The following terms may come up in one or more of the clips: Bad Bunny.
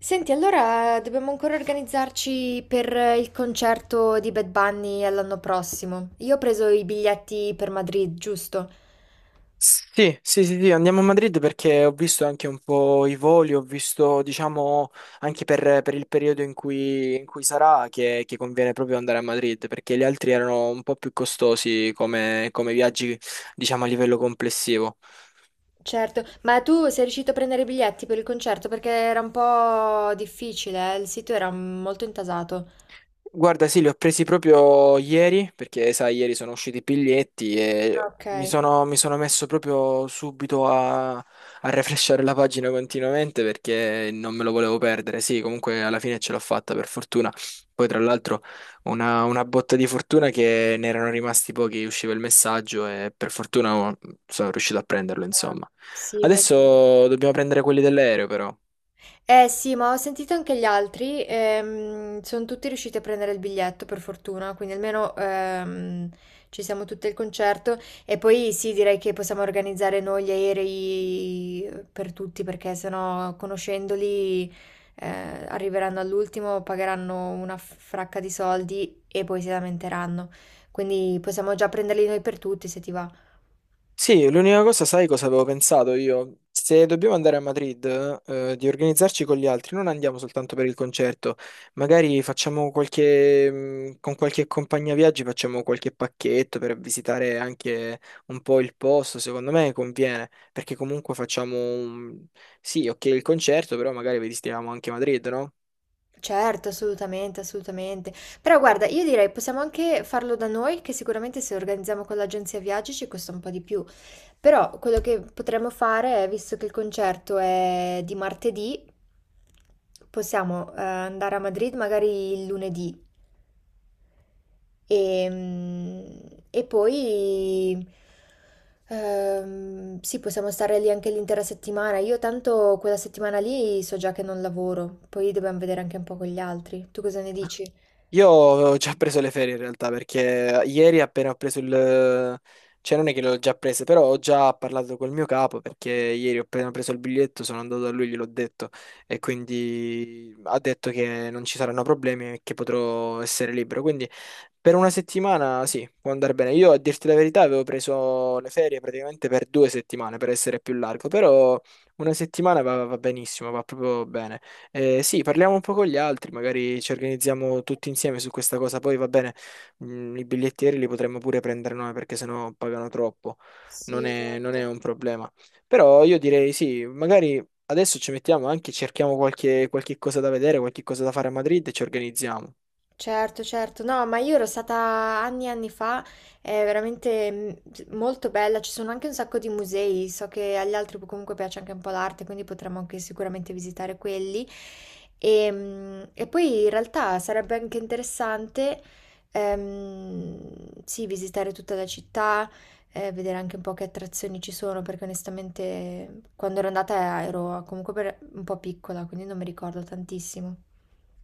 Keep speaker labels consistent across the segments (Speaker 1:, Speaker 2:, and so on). Speaker 1: Senti, allora dobbiamo ancora organizzarci per il concerto di Bad Bunny all'anno prossimo. Io ho preso i biglietti per Madrid, giusto?
Speaker 2: Sì, sì, andiamo a Madrid perché ho visto anche un po' i voli, ho visto, diciamo, anche per il periodo in cui sarà che conviene proprio andare a Madrid perché gli altri erano un po' più costosi come viaggi, diciamo, a livello complessivo.
Speaker 1: Certo, ma tu sei riuscito a prendere i biglietti per il concerto? Perché era un po' difficile, eh? Il sito era molto intasato.
Speaker 2: Guarda, sì, li ho presi proprio ieri, perché sai, ieri sono usciti i biglietti e
Speaker 1: Ok.
Speaker 2: mi sono messo proprio subito a refreshare la pagina continuamente perché non me lo volevo perdere. Sì, comunque alla fine ce l'ho fatta, per fortuna. Poi, tra l'altro, una botta di fortuna che ne erano rimasti pochi, usciva il messaggio e per fortuna oh, sono riuscito a prenderlo,
Speaker 1: Ah,
Speaker 2: insomma.
Speaker 1: sì, bene.
Speaker 2: Adesso dobbiamo prendere quelli dell'aereo, però.
Speaker 1: Eh sì, ma ho sentito anche gli altri, sono tutti riusciti a prendere il biglietto per fortuna, quindi almeno, ci siamo tutti al concerto e poi sì, direi che possiamo organizzare noi gli aerei per tutti perché sennò conoscendoli arriveranno all'ultimo, pagheranno una fracca di soldi e poi si lamenteranno. Quindi possiamo già prenderli noi per tutti se ti va.
Speaker 2: Sì, l'unica cosa, sai cosa avevo pensato io? Se dobbiamo andare a Madrid, di organizzarci con gli altri, non andiamo soltanto per il concerto, magari facciamo qualche, con qualche compagnia viaggi facciamo qualche pacchetto per visitare anche un po' il posto, secondo me conviene, perché comunque facciamo un... Sì, ok, il concerto, però magari visitiamo anche Madrid, no?
Speaker 1: Certo, assolutamente, assolutamente. Però guarda, io direi possiamo anche farlo da noi, che sicuramente se organizziamo con l'agenzia viaggi ci costa un po' di più. Però quello che potremmo fare è, visto che il concerto è di martedì, possiamo andare a Madrid magari il lunedì. E, mm, e poi sì, possiamo stare lì anche l'intera settimana. Io tanto quella settimana lì so già che non lavoro, poi dobbiamo vedere anche un po' con gli altri. Tu cosa ne dici?
Speaker 2: Io ho già preso le ferie in realtà perché ieri appena ho preso il... cioè non è che le ho già prese, però ho già parlato col mio capo perché ieri ho appena preso il biglietto, sono andato da lui, gliel'ho detto e quindi ha detto che non ci saranno problemi e che potrò essere libero. Quindi per una settimana sì, può andare bene. Io a dirti la verità avevo preso le ferie praticamente per due settimane per essere più largo, però una settimana va benissimo, va proprio bene. Sì, parliamo un po' con gli altri, magari ci organizziamo tutti insieme su questa cosa. Poi va bene, i bigliettieri li potremmo pure prendere noi perché sennò pagano troppo.
Speaker 1: Sì,
Speaker 2: Non è
Speaker 1: esatto.
Speaker 2: un problema. Però io direi sì, magari adesso ci mettiamo anche, cerchiamo qualche, qualche cosa da vedere, qualche cosa da fare a Madrid e ci organizziamo.
Speaker 1: Certo, certo, no, ma io ero stata anni e anni fa, è veramente molto bella, ci sono anche un sacco di musei, so che agli altri comunque piace anche un po' l'arte, quindi potremmo anche sicuramente visitare quelli. E poi in realtà sarebbe anche interessante, sì, visitare tutta la città, vedere anche un po' che attrazioni ci sono, perché onestamente quando ero andata ero comunque per- un po' piccola, quindi non mi ricordo tantissimo.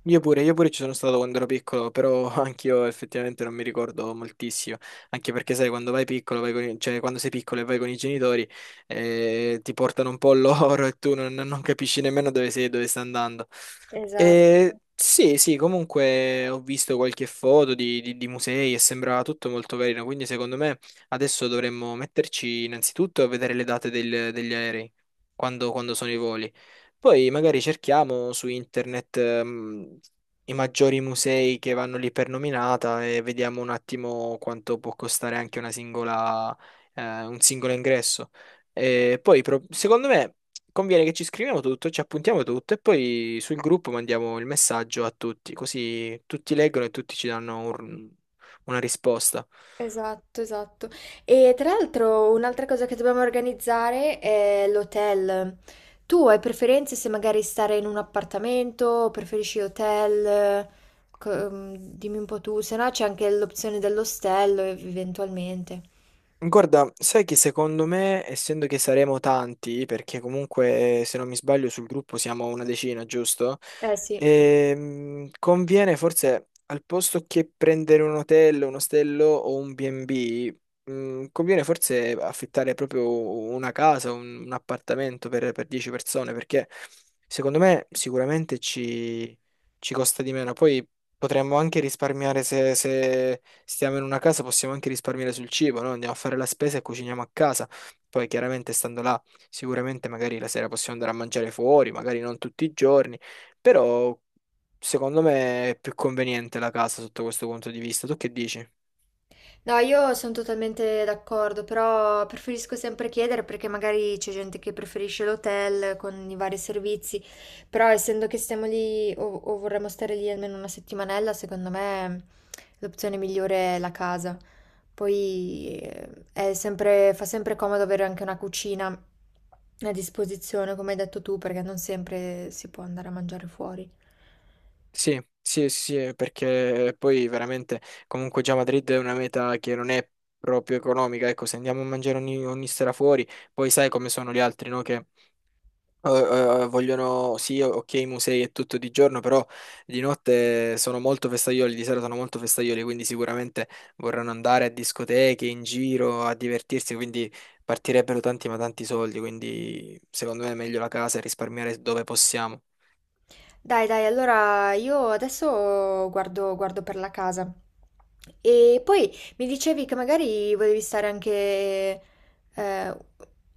Speaker 2: Io pure ci sono stato quando ero piccolo, però anch'io effettivamente non mi ricordo moltissimo, anche perché sai, quando vai piccolo, vai con i- cioè quando sei piccolo e vai con i genitori, ti portano un po' loro e tu non capisci nemmeno dove sei, e dove stai andando. E
Speaker 1: Esatto.
Speaker 2: sì, sì, comunque ho visto qualche foto di musei e sembrava tutto molto carino, quindi secondo me adesso dovremmo metterci innanzitutto a vedere le date del- degli aerei, quando sono i voli. Poi magari cerchiamo su internet, i maggiori musei che vanno lì per nominata e vediamo un attimo quanto può costare anche una singola, un singolo ingresso. E poi, pro- secondo me, conviene che ci scriviamo tutto, ci appuntiamo tutto e poi sul gruppo mandiamo il messaggio a tutti, così tutti leggono e tutti ci danno un- una risposta.
Speaker 1: Esatto, esatto. E tra l'altro un'altra cosa che dobbiamo organizzare è l'hotel. Tu hai preferenze se magari stare in un appartamento o preferisci hotel? Dimmi un po' tu, se no c'è anche l'opzione dell'ostello eventualmente.
Speaker 2: Guarda, sai che secondo me, essendo che saremo tanti, perché comunque se non mi sbaglio sul gruppo siamo una decina, giusto?
Speaker 1: Eh sì.
Speaker 2: Conviene forse al posto che prendere un hotel, un ostello o un B&B, conviene forse affittare proprio una casa, un appartamento per 10 persone, perché secondo me sicuramente ci costa di meno. Poi potremmo anche risparmiare se, se stiamo in una casa, possiamo anche risparmiare sul cibo, no? Andiamo a fare la spesa e cuciniamo a casa. Poi chiaramente stando là, sicuramente magari la sera possiamo andare a mangiare fuori, magari non tutti i giorni però secondo me è più conveniente la casa sotto questo punto di vista. Tu che dici?
Speaker 1: No, io sono totalmente d'accordo, però preferisco sempre chiedere perché magari c'è gente che preferisce l'hotel con i vari servizi, però essendo che stiamo lì o vorremmo stare lì almeno una settimanella, secondo me l'opzione migliore è la casa. Poi è sempre, fa sempre comodo avere anche una cucina a disposizione, come hai detto tu, perché non sempre si può andare a mangiare fuori.
Speaker 2: Sì, sì, sì, perché poi veramente comunque già Madrid è una meta che non è proprio economica. Ecco, se andiamo a mangiare ogni sera fuori, poi sai come sono gli altri, no? Che eh, vogliono, sì, ok, i musei e tutto di giorno, però di notte sono molto festaioli, di sera sono molto festaioli, quindi sicuramente vorranno andare a discoteche, in giro, a divertirsi, quindi partirebbero tanti ma tanti soldi, quindi secondo me è meglio la casa e risparmiare dove possiamo.
Speaker 1: Dai, dai, allora io adesso guardo per la casa. E poi mi dicevi che magari volevi stare anche... eh,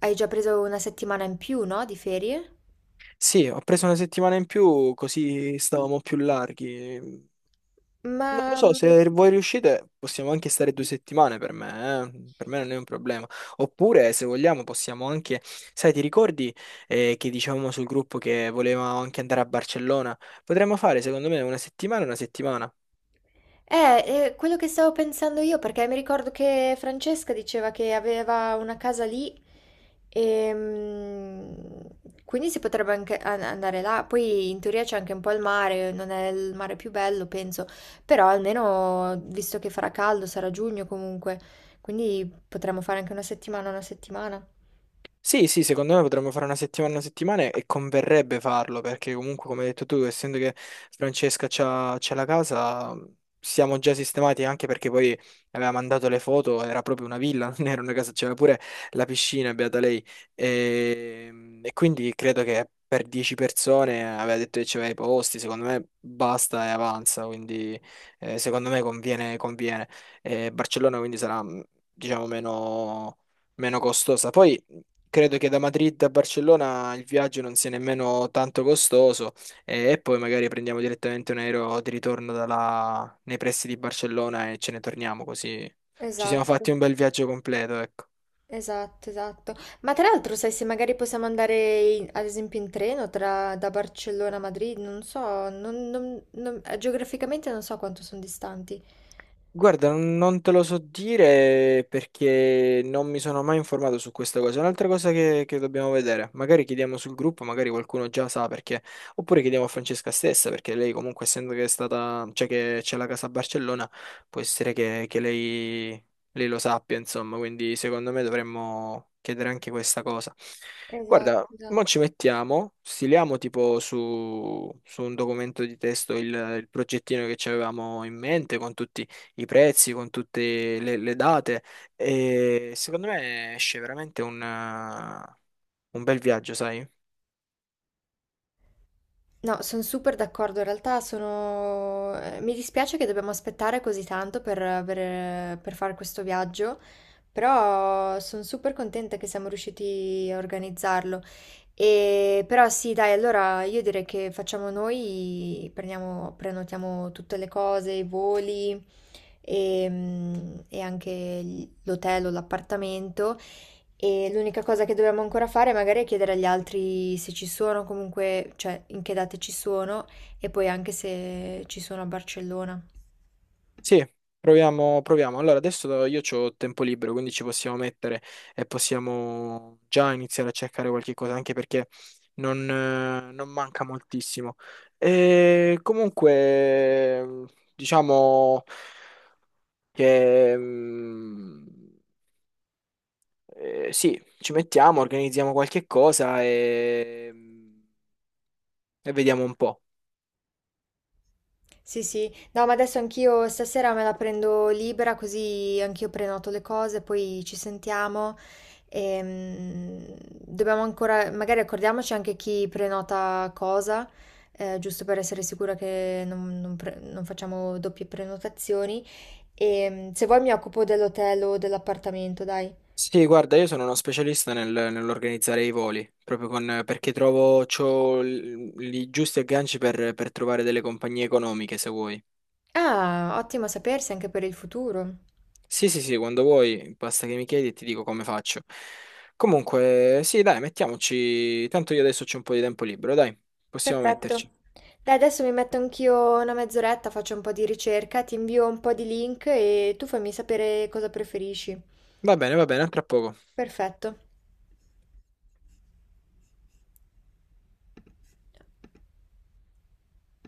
Speaker 1: hai già preso una settimana in più, no? Di ferie?
Speaker 2: Sì, ho preso una settimana in più, così stavamo più larghi. Non lo
Speaker 1: Ma...
Speaker 2: so, se voi riuscite possiamo anche stare due settimane per me, eh. Per me non è un problema. Oppure, se vogliamo, possiamo anche... Sai, ti ricordi che dicevamo sul gruppo che volevamo anche andare a Barcellona? Potremmo fare, secondo me, una settimana e una settimana.
Speaker 1: Quello che stavo pensando io, perché mi ricordo che Francesca diceva che aveva una casa lì e quindi si potrebbe anche an- andare là. Poi in teoria c'è anche un po' il mare, non è il mare più bello, penso, però almeno visto che farà caldo, sarà giugno comunque, quindi potremmo fare anche una settimana, una settimana.
Speaker 2: Sì, sì, secondo me potremmo fare una settimana e converrebbe farlo perché comunque, come hai detto tu, essendo che Francesca c'ha la casa, siamo già sistemati anche perché poi aveva mandato le foto, era proprio una villa, non era una casa, c'era pure la piscina, beata lei. E quindi credo che per 10 persone aveva detto che c'aveva i posti, secondo me basta e avanza, quindi secondo me conviene, conviene. E Barcellona quindi sarà, diciamo, meno meno costosa. Poi credo che da Madrid a Barcellona il viaggio non sia nemmeno tanto costoso e poi magari prendiamo direttamente un aereo di ritorno dalla- nei pressi di Barcellona e ce ne torniamo così ci siamo
Speaker 1: Esatto.
Speaker 2: fatti un bel viaggio completo, ecco.
Speaker 1: Esatto, esatto. Ma tra l'altro, sai se magari possiamo andare in- ad esempio in treno tra- da Barcellona a Madrid, non so, geograficamente non so quanto sono distanti.
Speaker 2: Guarda, non te lo so dire perché non mi sono mai informato su questa cosa. È un'altra cosa che dobbiamo vedere. Magari chiediamo sul gruppo, magari qualcuno già sa perché. Oppure chiediamo a Francesca stessa, perché lei comunque, essendo che è stata, cioè che c'è la casa a Barcellona, può essere che lei lo sappia, insomma. Quindi secondo me dovremmo chiedere anche questa cosa.
Speaker 1: Esatto,
Speaker 2: Guarda, mo
Speaker 1: esatto.
Speaker 2: ci mettiamo, stiliamo tipo su, su un documento di testo il progettino che ci avevamo in mente con tutti i prezzi, con tutte le date e secondo me esce veramente un bel viaggio, sai?
Speaker 1: No, sono super d'accordo. In realtà sono... mi dispiace che dobbiamo aspettare così tanto per fare questo viaggio, però sono super contenta che siamo riusciti a organizzarlo. E... Però sì, dai, allora io direi che facciamo noi, prendiamo- prenotiamo tutte le cose, i voli e anche gli- l'hotel o l'appartamento. E l'unica cosa che dobbiamo ancora fare magari è chiedere agli altri se ci sono, comunque, cioè in che date ci sono e poi anche se ci sono a Barcellona.
Speaker 2: Sì, proviamo, proviamo. Allora, adesso io ho tempo libero, quindi ci possiamo mettere e possiamo già iniziare a cercare qualche cosa, anche perché non, non manca moltissimo. E comunque, diciamo che sì, ci mettiamo, organizziamo qualche cosa e... E vediamo un po'.
Speaker 1: Sì, sì, no, ma adesso anch'io stasera me la prendo libera, così anch'io prenoto le cose, poi ci sentiamo. E, mm, dobbiamo ancora, magari accordiamoci anche chi prenota cosa, giusto per essere sicura che non pre- non facciamo doppie prenotazioni. Se vuoi mi occupo dell'hotel o dell'appartamento, dai.
Speaker 2: Sì, guarda, io sono uno specialista nel- nell'organizzare i voli, proprio con, perché trovo, c'ho l- i giusti agganci per trovare delle compagnie economiche, se vuoi.
Speaker 1: Ah, ottimo sapersi anche per il futuro.
Speaker 2: Sì, sì, sì, quando vuoi, basta che mi chiedi e ti dico come faccio. Comunque, sì, dai, mettiamoci. Tanto io adesso c'ho un po' di tempo libero, dai, possiamo
Speaker 1: Perfetto.
Speaker 2: metterci.
Speaker 1: Dai, adesso mi metto anch'io una mezz'oretta, faccio un po' di ricerca, ti invio un po' di link e tu fammi sapere cosa preferisci.
Speaker 2: Va bene, a tra poco.
Speaker 1: Perfetto.